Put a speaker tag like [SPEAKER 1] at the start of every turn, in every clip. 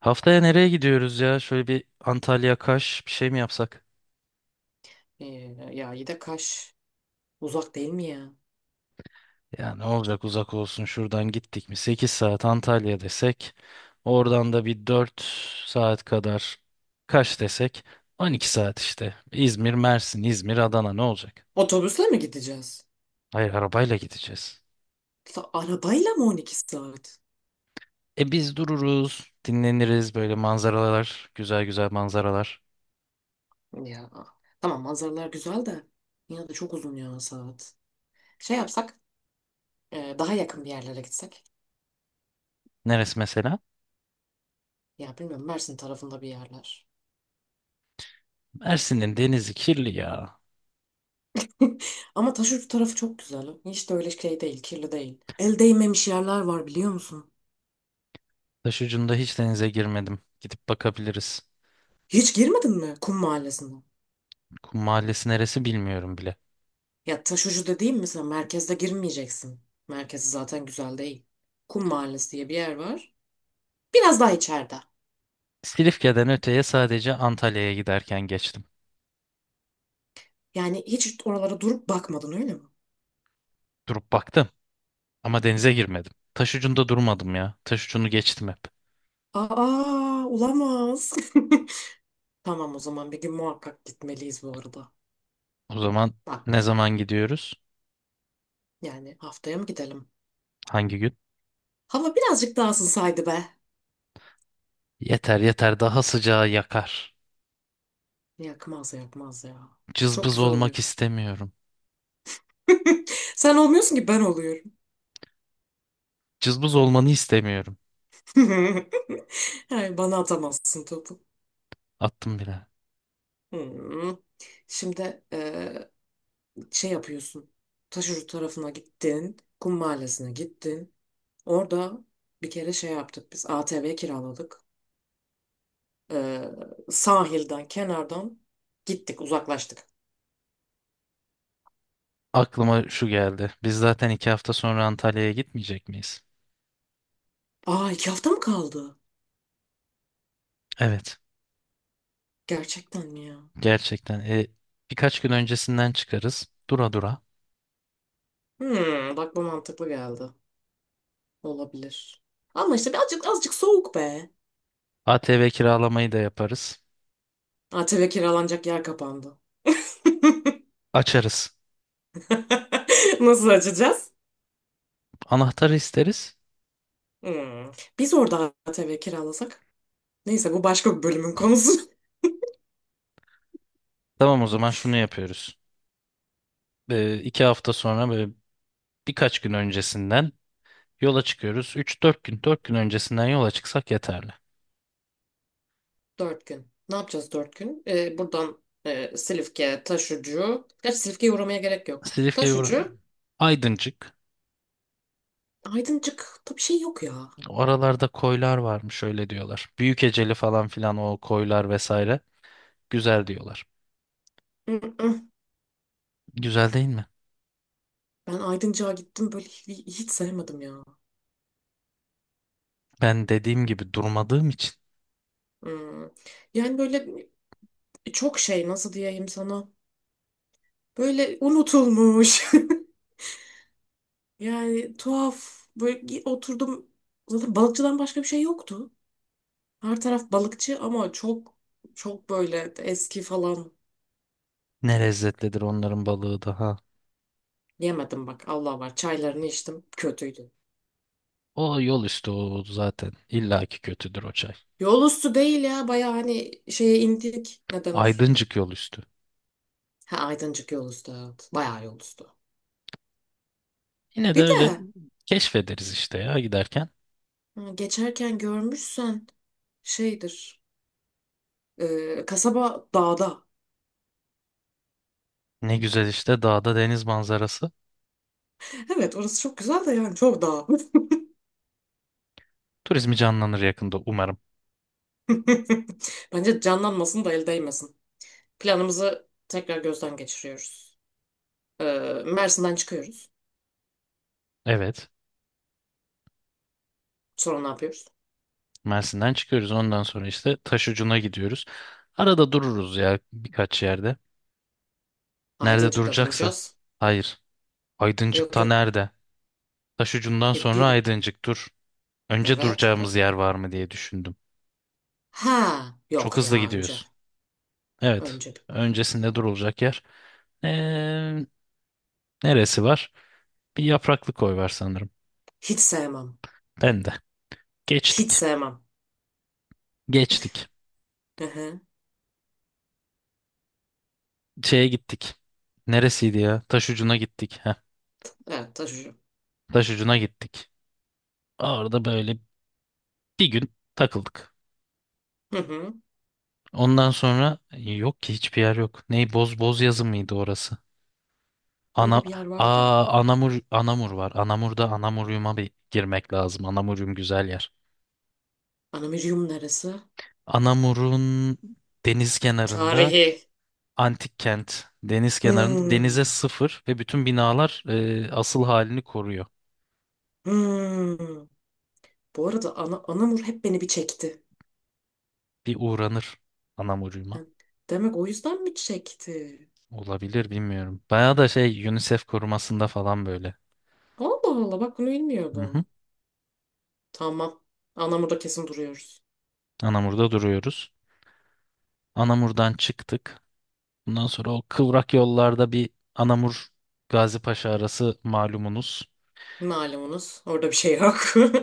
[SPEAKER 1] Haftaya nereye gidiyoruz ya? Şöyle bir Antalya Kaş bir şey mi yapsak?
[SPEAKER 2] Ee, ya iyi de Kaş uzak değil mi ya?
[SPEAKER 1] Ya ne olacak, uzak olsun, şuradan gittik mi 8 saat Antalya desek, oradan da bir 4 saat kadar Kaş desek, 12 saat işte. İzmir, Mersin, İzmir, Adana ne olacak?
[SPEAKER 2] Otobüsle mi gideceğiz?
[SPEAKER 1] Hayır, arabayla gideceğiz.
[SPEAKER 2] La, arabayla mı 12 saat?
[SPEAKER 1] E biz dururuz, dinleniriz, böyle manzaralar, güzel güzel manzaralar.
[SPEAKER 2] Ya tamam manzaralar güzel de yine de çok uzun ya saat. Şey yapsak daha yakın bir yerlere gitsek.
[SPEAKER 1] Neresi mesela?
[SPEAKER 2] Ya bilmiyorum Mersin tarafında bir yerler.
[SPEAKER 1] Mersin'in denizi kirli ya.
[SPEAKER 2] Ama Taşucu tarafı çok güzel. Hiç de öyle şey değil, kirli değil. El değmemiş yerler var biliyor musun?
[SPEAKER 1] Taşucunda hiç denize girmedim. Gidip bakabiliriz.
[SPEAKER 2] Hiç girmedin mi Kum Mahallesine?
[SPEAKER 1] Kum Mahallesi neresi bilmiyorum bile.
[SPEAKER 2] Ya Taşucu dediğim mesela merkezde girmeyeceksin. Merkezi zaten güzel değil. Kum Mahallesi diye bir yer var. Biraz daha içeride.
[SPEAKER 1] Silifke'den öteye sadece Antalya'ya giderken geçtim.
[SPEAKER 2] Yani hiç oralara durup bakmadın öyle mi?
[SPEAKER 1] Durup baktım ama denize girmedim. Taş ucunda durmadım ya. Taş ucunu geçtim hep.
[SPEAKER 2] Aa, olamaz. Tamam o zaman bir gün muhakkak gitmeliyiz bu arada.
[SPEAKER 1] O zaman
[SPEAKER 2] Bak
[SPEAKER 1] ne zaman gidiyoruz?
[SPEAKER 2] yani haftaya mı gidelim?
[SPEAKER 1] Hangi gün?
[SPEAKER 2] Hava birazcık daha ısınsaydı be.
[SPEAKER 1] Yeter yeter, daha sıcağı yakar.
[SPEAKER 2] Yakmaz yakmaz ya. Çok
[SPEAKER 1] Cızbız
[SPEAKER 2] güzel oluyor.
[SPEAKER 1] olmak istemiyorum.
[SPEAKER 2] Sen olmuyorsun ki ben oluyorum.
[SPEAKER 1] Cızbız olmanı istemiyorum.
[SPEAKER 2] Yani bana atamazsın topu.
[SPEAKER 1] Attım bile.
[SPEAKER 2] Hmm. Şimdi şey yapıyorsun. Taşucu tarafına gittin. Kum Mahallesine gittin. Orada bir kere şey yaptık biz ATV kiraladık. Ee, Sahilden kenardan gittik uzaklaştık.
[SPEAKER 1] Aklıma şu geldi. Biz zaten 2 hafta sonra Antalya'ya gitmeyecek miyiz?
[SPEAKER 2] Aa, iki hafta mı kaldı?
[SPEAKER 1] Evet.
[SPEAKER 2] Gerçekten mi ya?
[SPEAKER 1] Gerçekten. E, birkaç gün öncesinden çıkarız. Dura dura.
[SPEAKER 2] Hmm, bak bu mantıklı geldi. Olabilir. Ama işte birazcık azıcık soğuk be.
[SPEAKER 1] ATV kiralamayı da yaparız.
[SPEAKER 2] ATV kiralanacak yer kapandı.
[SPEAKER 1] Açarız.
[SPEAKER 2] Nasıl açacağız?
[SPEAKER 1] Anahtarı isteriz.
[SPEAKER 2] Hmm. Biz orada ATV kiralasak. Neyse bu başka bir bölümün konusu.
[SPEAKER 1] Tamam, o zaman şunu yapıyoruz. 2 hafta sonra böyle birkaç gün öncesinden yola çıkıyoruz. 3-4 gün, 4 gün öncesinden yola çıksak yeterli.
[SPEAKER 2] Dört gün. Ne yapacağız dört gün? Buradan Silifke, Taşucu. Gerçi Silifke'ye uğramaya gerek yok.
[SPEAKER 1] Silifke,
[SPEAKER 2] Taşucu,
[SPEAKER 1] Aydıncık.
[SPEAKER 2] Aydıncık'ta bir şey yok ya.
[SPEAKER 1] Oralarda koylar varmış, öyle diyorlar. Büyükeceli falan filan, o koylar vesaire. Güzel diyorlar.
[SPEAKER 2] Mm-mm.
[SPEAKER 1] Güzel değil mi?
[SPEAKER 2] Ben Aydıncık'a gittim böyle hiç, sevmedim ya.
[SPEAKER 1] Ben dediğim gibi durmadığım için.
[SPEAKER 2] Hmm. Yani böyle çok şey nasıl diyeyim sana. Böyle unutulmuş. Yani tuhaf. Böyle oturdum. Zaten balıkçıdan başka bir şey yoktu. Her taraf balıkçı ama çok böyle eski falan.
[SPEAKER 1] Ne lezzetlidir onların balığı da ha.
[SPEAKER 2] Yemedim bak Allah var çaylarını içtim kötüydü.
[SPEAKER 1] O yol üstü o zaten. İlla ki kötüdür o çay.
[SPEAKER 2] Yol üstü değil ya baya hani şeye indik ne denir?
[SPEAKER 1] Aydıncık yol üstü.
[SPEAKER 2] Ha Aydıncık yol üstü, evet baya yol üstü.
[SPEAKER 1] Yine de
[SPEAKER 2] Bir
[SPEAKER 1] öyle
[SPEAKER 2] de
[SPEAKER 1] keşfederiz işte ya, giderken.
[SPEAKER 2] ha, geçerken görmüşsen şeydir kasaba dağda.
[SPEAKER 1] Ne güzel işte, dağda deniz manzarası.
[SPEAKER 2] Evet orası çok güzel de yani çok dağ.
[SPEAKER 1] Turizmi canlanır yakında umarım.
[SPEAKER 2] Bence canlanmasın da el değmesin. Planımızı tekrar gözden geçiriyoruz. E, Mersin'den çıkıyoruz.
[SPEAKER 1] Evet.
[SPEAKER 2] Sonra ne yapıyoruz?
[SPEAKER 1] Mersin'den çıkıyoruz. Ondan sonra işte Taşucu'na gidiyoruz. Arada dururuz ya birkaç yerde. Nerede
[SPEAKER 2] Aydıncık'ta
[SPEAKER 1] duracaksa.
[SPEAKER 2] duracağız.
[SPEAKER 1] Hayır.
[SPEAKER 2] Yok
[SPEAKER 1] Aydıncık'ta
[SPEAKER 2] yok.
[SPEAKER 1] nerede? Taşucu'ndan
[SPEAKER 2] E,
[SPEAKER 1] sonra
[SPEAKER 2] bir,
[SPEAKER 1] Aydıncık, dur. Önce
[SPEAKER 2] evet.
[SPEAKER 1] duracağımız yer var mı diye düşündüm.
[SPEAKER 2] Ha,
[SPEAKER 1] Çok
[SPEAKER 2] yok
[SPEAKER 1] hızlı
[SPEAKER 2] ya önce.
[SPEAKER 1] gidiyorsun. Evet.
[SPEAKER 2] Önce.
[SPEAKER 1] Öncesinde durulacak yer. Ee, Neresi var? Bir yapraklı koy var sanırım.
[SPEAKER 2] Hiç sevmem.
[SPEAKER 1] Ben de.
[SPEAKER 2] Hiç
[SPEAKER 1] Geçtik.
[SPEAKER 2] sevmem.
[SPEAKER 1] Geçtik.
[SPEAKER 2] Hı hı.
[SPEAKER 1] Şeye gittik. Neresiydi ya? Taş ucuna gittik. Heh.
[SPEAKER 2] Evet taşıcı.
[SPEAKER 1] Taş ucuna gittik. Orada böyle bir gün takıldık.
[SPEAKER 2] Hı hı.
[SPEAKER 1] Ondan sonra yok ki, hiçbir yer yok. Ney boz boz yazı mıydı orası? Ana
[SPEAKER 2] Böyle bir yer vardı ya.
[SPEAKER 1] Anamur var. Anamur'da Anamurium'a bir girmek lazım. Anamurium güzel yer.
[SPEAKER 2] Anamirium neresi?
[SPEAKER 1] Anamur'un deniz kenarında
[SPEAKER 2] Tarihi.
[SPEAKER 1] antik kent, deniz kenarında, denize
[SPEAKER 2] Hmm.
[SPEAKER 1] sıfır ve bütün binalar asıl halini koruyor.
[SPEAKER 2] Hmm. Bu arada Anamur hep beni bir çekti.
[SPEAKER 1] Bir uğranır
[SPEAKER 2] Hı.
[SPEAKER 1] Anamur'uma.
[SPEAKER 2] Demek o yüzden mi çekti?
[SPEAKER 1] Olabilir, bilmiyorum. Bayağı da şey, UNICEF korumasında falan böyle.
[SPEAKER 2] Allah Allah, bak bunu
[SPEAKER 1] Hı hı.
[SPEAKER 2] bilmiyordum. Tamam. Anamur'da kesin duruyoruz.
[SPEAKER 1] Anamur'da duruyoruz. Anamur'dan çıktık. Bundan sonra o kıvrak yollarda bir Anamur Gazipaşa arası malumunuz.
[SPEAKER 2] Malumunuz orada bir şey yok.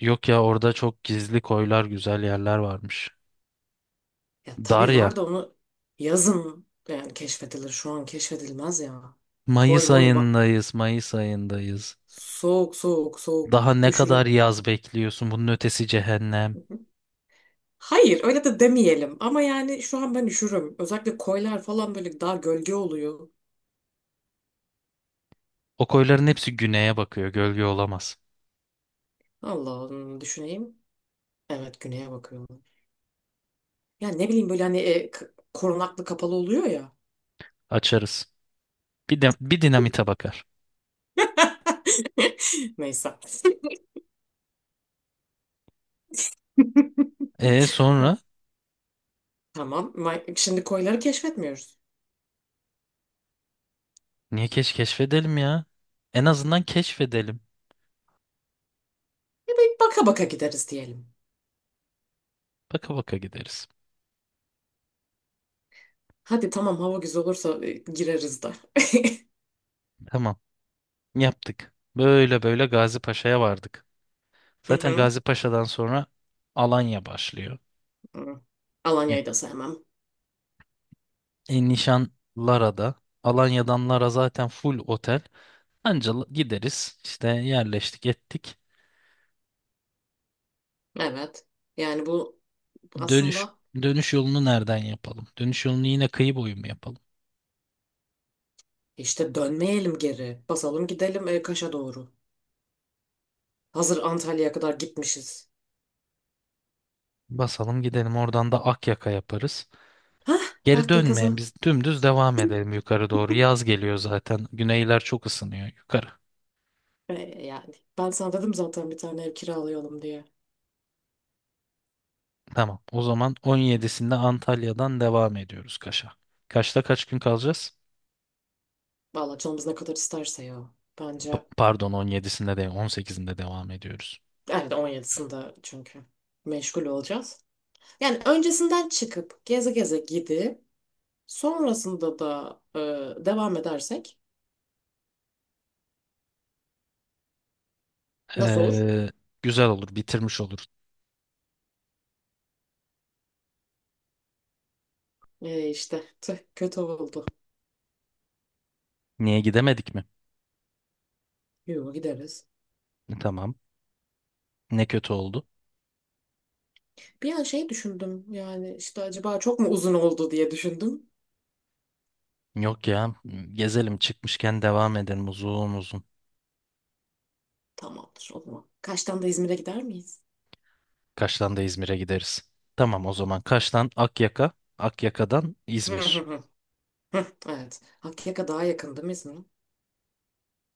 [SPEAKER 1] Yok ya, orada çok gizli koylar, güzel yerler varmış.
[SPEAKER 2] Ya tabii
[SPEAKER 1] Darya.
[SPEAKER 2] var da onu yazın yani keşfedilir. Şu an keşfedilmez ya. Koy
[SPEAKER 1] Mayıs
[SPEAKER 2] moy bak.
[SPEAKER 1] ayındayız, Mayıs ayındayız.
[SPEAKER 2] Soğuk soğuk soğuk.
[SPEAKER 1] Daha ne kadar
[SPEAKER 2] Üşürüm.
[SPEAKER 1] yaz bekliyorsun? Bunun ötesi cehennem.
[SPEAKER 2] Hayır öyle de demeyelim. Ama yani şu an ben üşürüm. Özellikle koylar falan böyle daha gölge oluyor.
[SPEAKER 1] O koyların hepsi güneye bakıyor. Gölge olamaz.
[SPEAKER 2] Allah'ım düşüneyim. Evet güneye bakıyorum. Ya ne bileyim böyle hani korunaklı kapalı oluyor ya.
[SPEAKER 1] Açarız. Bir, de, bir dinamite bakar.
[SPEAKER 2] Neyse.
[SPEAKER 1] E sonra
[SPEAKER 2] Tamam. Şimdi koyları keşfetmiyoruz.
[SPEAKER 1] niye keşfedelim ya? En azından keşfedelim.
[SPEAKER 2] Bir baka baka gideriz diyelim.
[SPEAKER 1] Baka baka gideriz.
[SPEAKER 2] Hadi tamam hava güzel olursa gireriz de.
[SPEAKER 1] Tamam. Yaptık. Böyle böyle Gazi Paşa'ya vardık.
[SPEAKER 2] Hı
[SPEAKER 1] Zaten
[SPEAKER 2] hı.
[SPEAKER 1] Gazi Paşa'dan sonra Alanya başlıyor.
[SPEAKER 2] Hı.
[SPEAKER 1] E,
[SPEAKER 2] Alanya'yı da sevmem.
[SPEAKER 1] e, Nişan Lara'da. Alanya'dan Lara zaten full otel. Anca gideriz. İşte yerleştik ettik.
[SPEAKER 2] Evet. Yani bu
[SPEAKER 1] Dönüş
[SPEAKER 2] aslında
[SPEAKER 1] dönüş yolunu nereden yapalım? Dönüş yolunu yine kıyı boyu mu yapalım?
[SPEAKER 2] işte dönmeyelim geri. Basalım gidelim Kaş'a doğru. Hazır Antalya'ya kadar gitmişiz.
[SPEAKER 1] Basalım gidelim, oradan da Akyaka yaparız.
[SPEAKER 2] Hah,
[SPEAKER 1] Geri
[SPEAKER 2] Akya kaza.
[SPEAKER 1] dönmeyen biz dümdüz devam edelim yukarı doğru. Yaz geliyor zaten. Güneyler çok ısınıyor yukarı.
[SPEAKER 2] E, Yani ben sana dedim zaten bir tane ev kiralayalım diye.
[SPEAKER 1] Tamam. O zaman 17'sinde Antalya'dan devam ediyoruz Kaş'a. Kaş'ta kaç gün kalacağız?
[SPEAKER 2] Valla canımız ne kadar isterse ya. Bence
[SPEAKER 1] Pardon, 17'sinde değil, 18'inde devam ediyoruz.
[SPEAKER 2] evet, on yedisinde çünkü meşgul olacağız. Yani öncesinden çıkıp geze geze gidip sonrasında da devam edersek nasıl olur?
[SPEAKER 1] Ee, Güzel olur, bitirmiş olur.
[SPEAKER 2] İşte tüh, kötü oldu.
[SPEAKER 1] Niye gidemedik mi?
[SPEAKER 2] Yo gideriz.
[SPEAKER 1] Tamam. Ne kötü oldu.
[SPEAKER 2] Bir an şey düşündüm yani işte acaba çok mu uzun oldu diye düşündüm.
[SPEAKER 1] Yok ya. Gezelim çıkmışken devam edelim uzun uzun.
[SPEAKER 2] Tamamdır o zaman. Kaçtan da İzmir'e gider miyiz?
[SPEAKER 1] Kaş'tan da İzmir'e gideriz. Tamam, o zaman Kaş'tan Akyaka, Akyaka'dan
[SPEAKER 2] Hı hı
[SPEAKER 1] İzmir.
[SPEAKER 2] hı. Hı, evet. Hakkâ'ya daha yakın değil mi İzmir?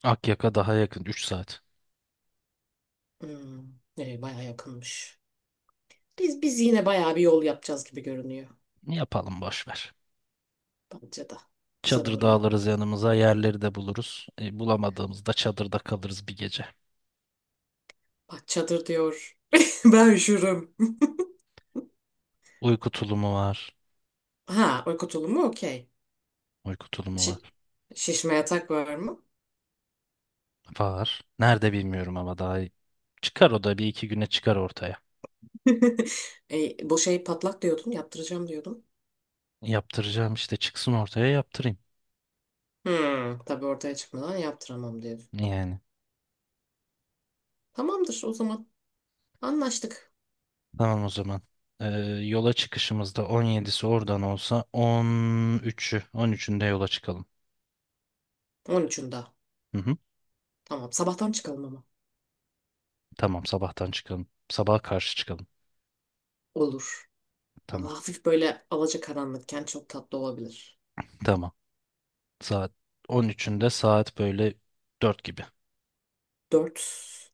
[SPEAKER 1] Akyaka daha yakın, 3 saat.
[SPEAKER 2] Hmm, bayağı yakınmış. Biz yine bayağı bir yol yapacağız gibi görünüyor.
[SPEAKER 1] Yapalım, boş ver.
[SPEAKER 2] Bence de. Güzel
[SPEAKER 1] Çadır
[SPEAKER 2] olur
[SPEAKER 1] da
[SPEAKER 2] ya.
[SPEAKER 1] alırız yanımıza, yerleri de buluruz. E, bulamadığımızda çadırda kalırız bir gece.
[SPEAKER 2] Bak çadır diyor. Ben üşürüm.
[SPEAKER 1] Uyku tulumu var.
[SPEAKER 2] Ha, uyku tulumu okey.
[SPEAKER 1] Uyku tulumu
[SPEAKER 2] Şi-
[SPEAKER 1] var.
[SPEAKER 2] Şişme yatak var mı?
[SPEAKER 1] Var. Nerede bilmiyorum ama daha iyi. Çıkar o da, bir iki güne çıkar ortaya.
[SPEAKER 2] Bu şey patlak diyordun, yaptıracağım diyordun.
[SPEAKER 1] Yaptıracağım işte, çıksın ortaya yaptırayım.
[SPEAKER 2] Hmm, tabii ortaya çıkmadan yaptıramam diyordun.
[SPEAKER 1] Yani.
[SPEAKER 2] Tamamdır o zaman. Anlaştık.
[SPEAKER 1] Tamam o zaman. Ee, Yola çıkışımızda 17'si oradan olsa 13'ü 13'ünde yola çıkalım.
[SPEAKER 2] On üçünde.
[SPEAKER 1] Hı hı.
[SPEAKER 2] Tamam, sabahtan çıkalım ama.
[SPEAKER 1] Tamam sabahtan çıkalım. Sabaha karşı çıkalım.
[SPEAKER 2] Olur. Ama
[SPEAKER 1] Tamam.
[SPEAKER 2] hafif böyle alacakaranlıkken çok tatlı olabilir.
[SPEAKER 1] Tamam. Saat 13'ünde saat böyle 4 gibi.
[SPEAKER 2] 4.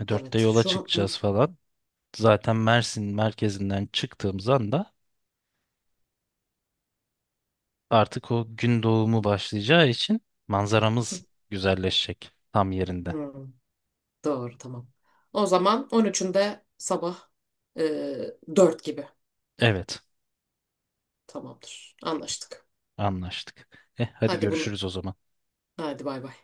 [SPEAKER 1] E, 4'te
[SPEAKER 2] Evet,
[SPEAKER 1] yola
[SPEAKER 2] şu an...
[SPEAKER 1] çıkacağız falan. Zaten Mersin merkezinden çıktığımız anda artık o gün doğumu başlayacağı için manzaramız güzelleşecek tam yerinde.
[SPEAKER 2] Hmm, doğru, tamam. O zaman on üçünde sabah e, 4 gibi.
[SPEAKER 1] Evet,
[SPEAKER 2] Tamamdır. Anlaştık.
[SPEAKER 1] anlaştık. Eh, hadi
[SPEAKER 2] Hadi bunu.
[SPEAKER 1] görüşürüz o zaman.
[SPEAKER 2] Hadi bay bay.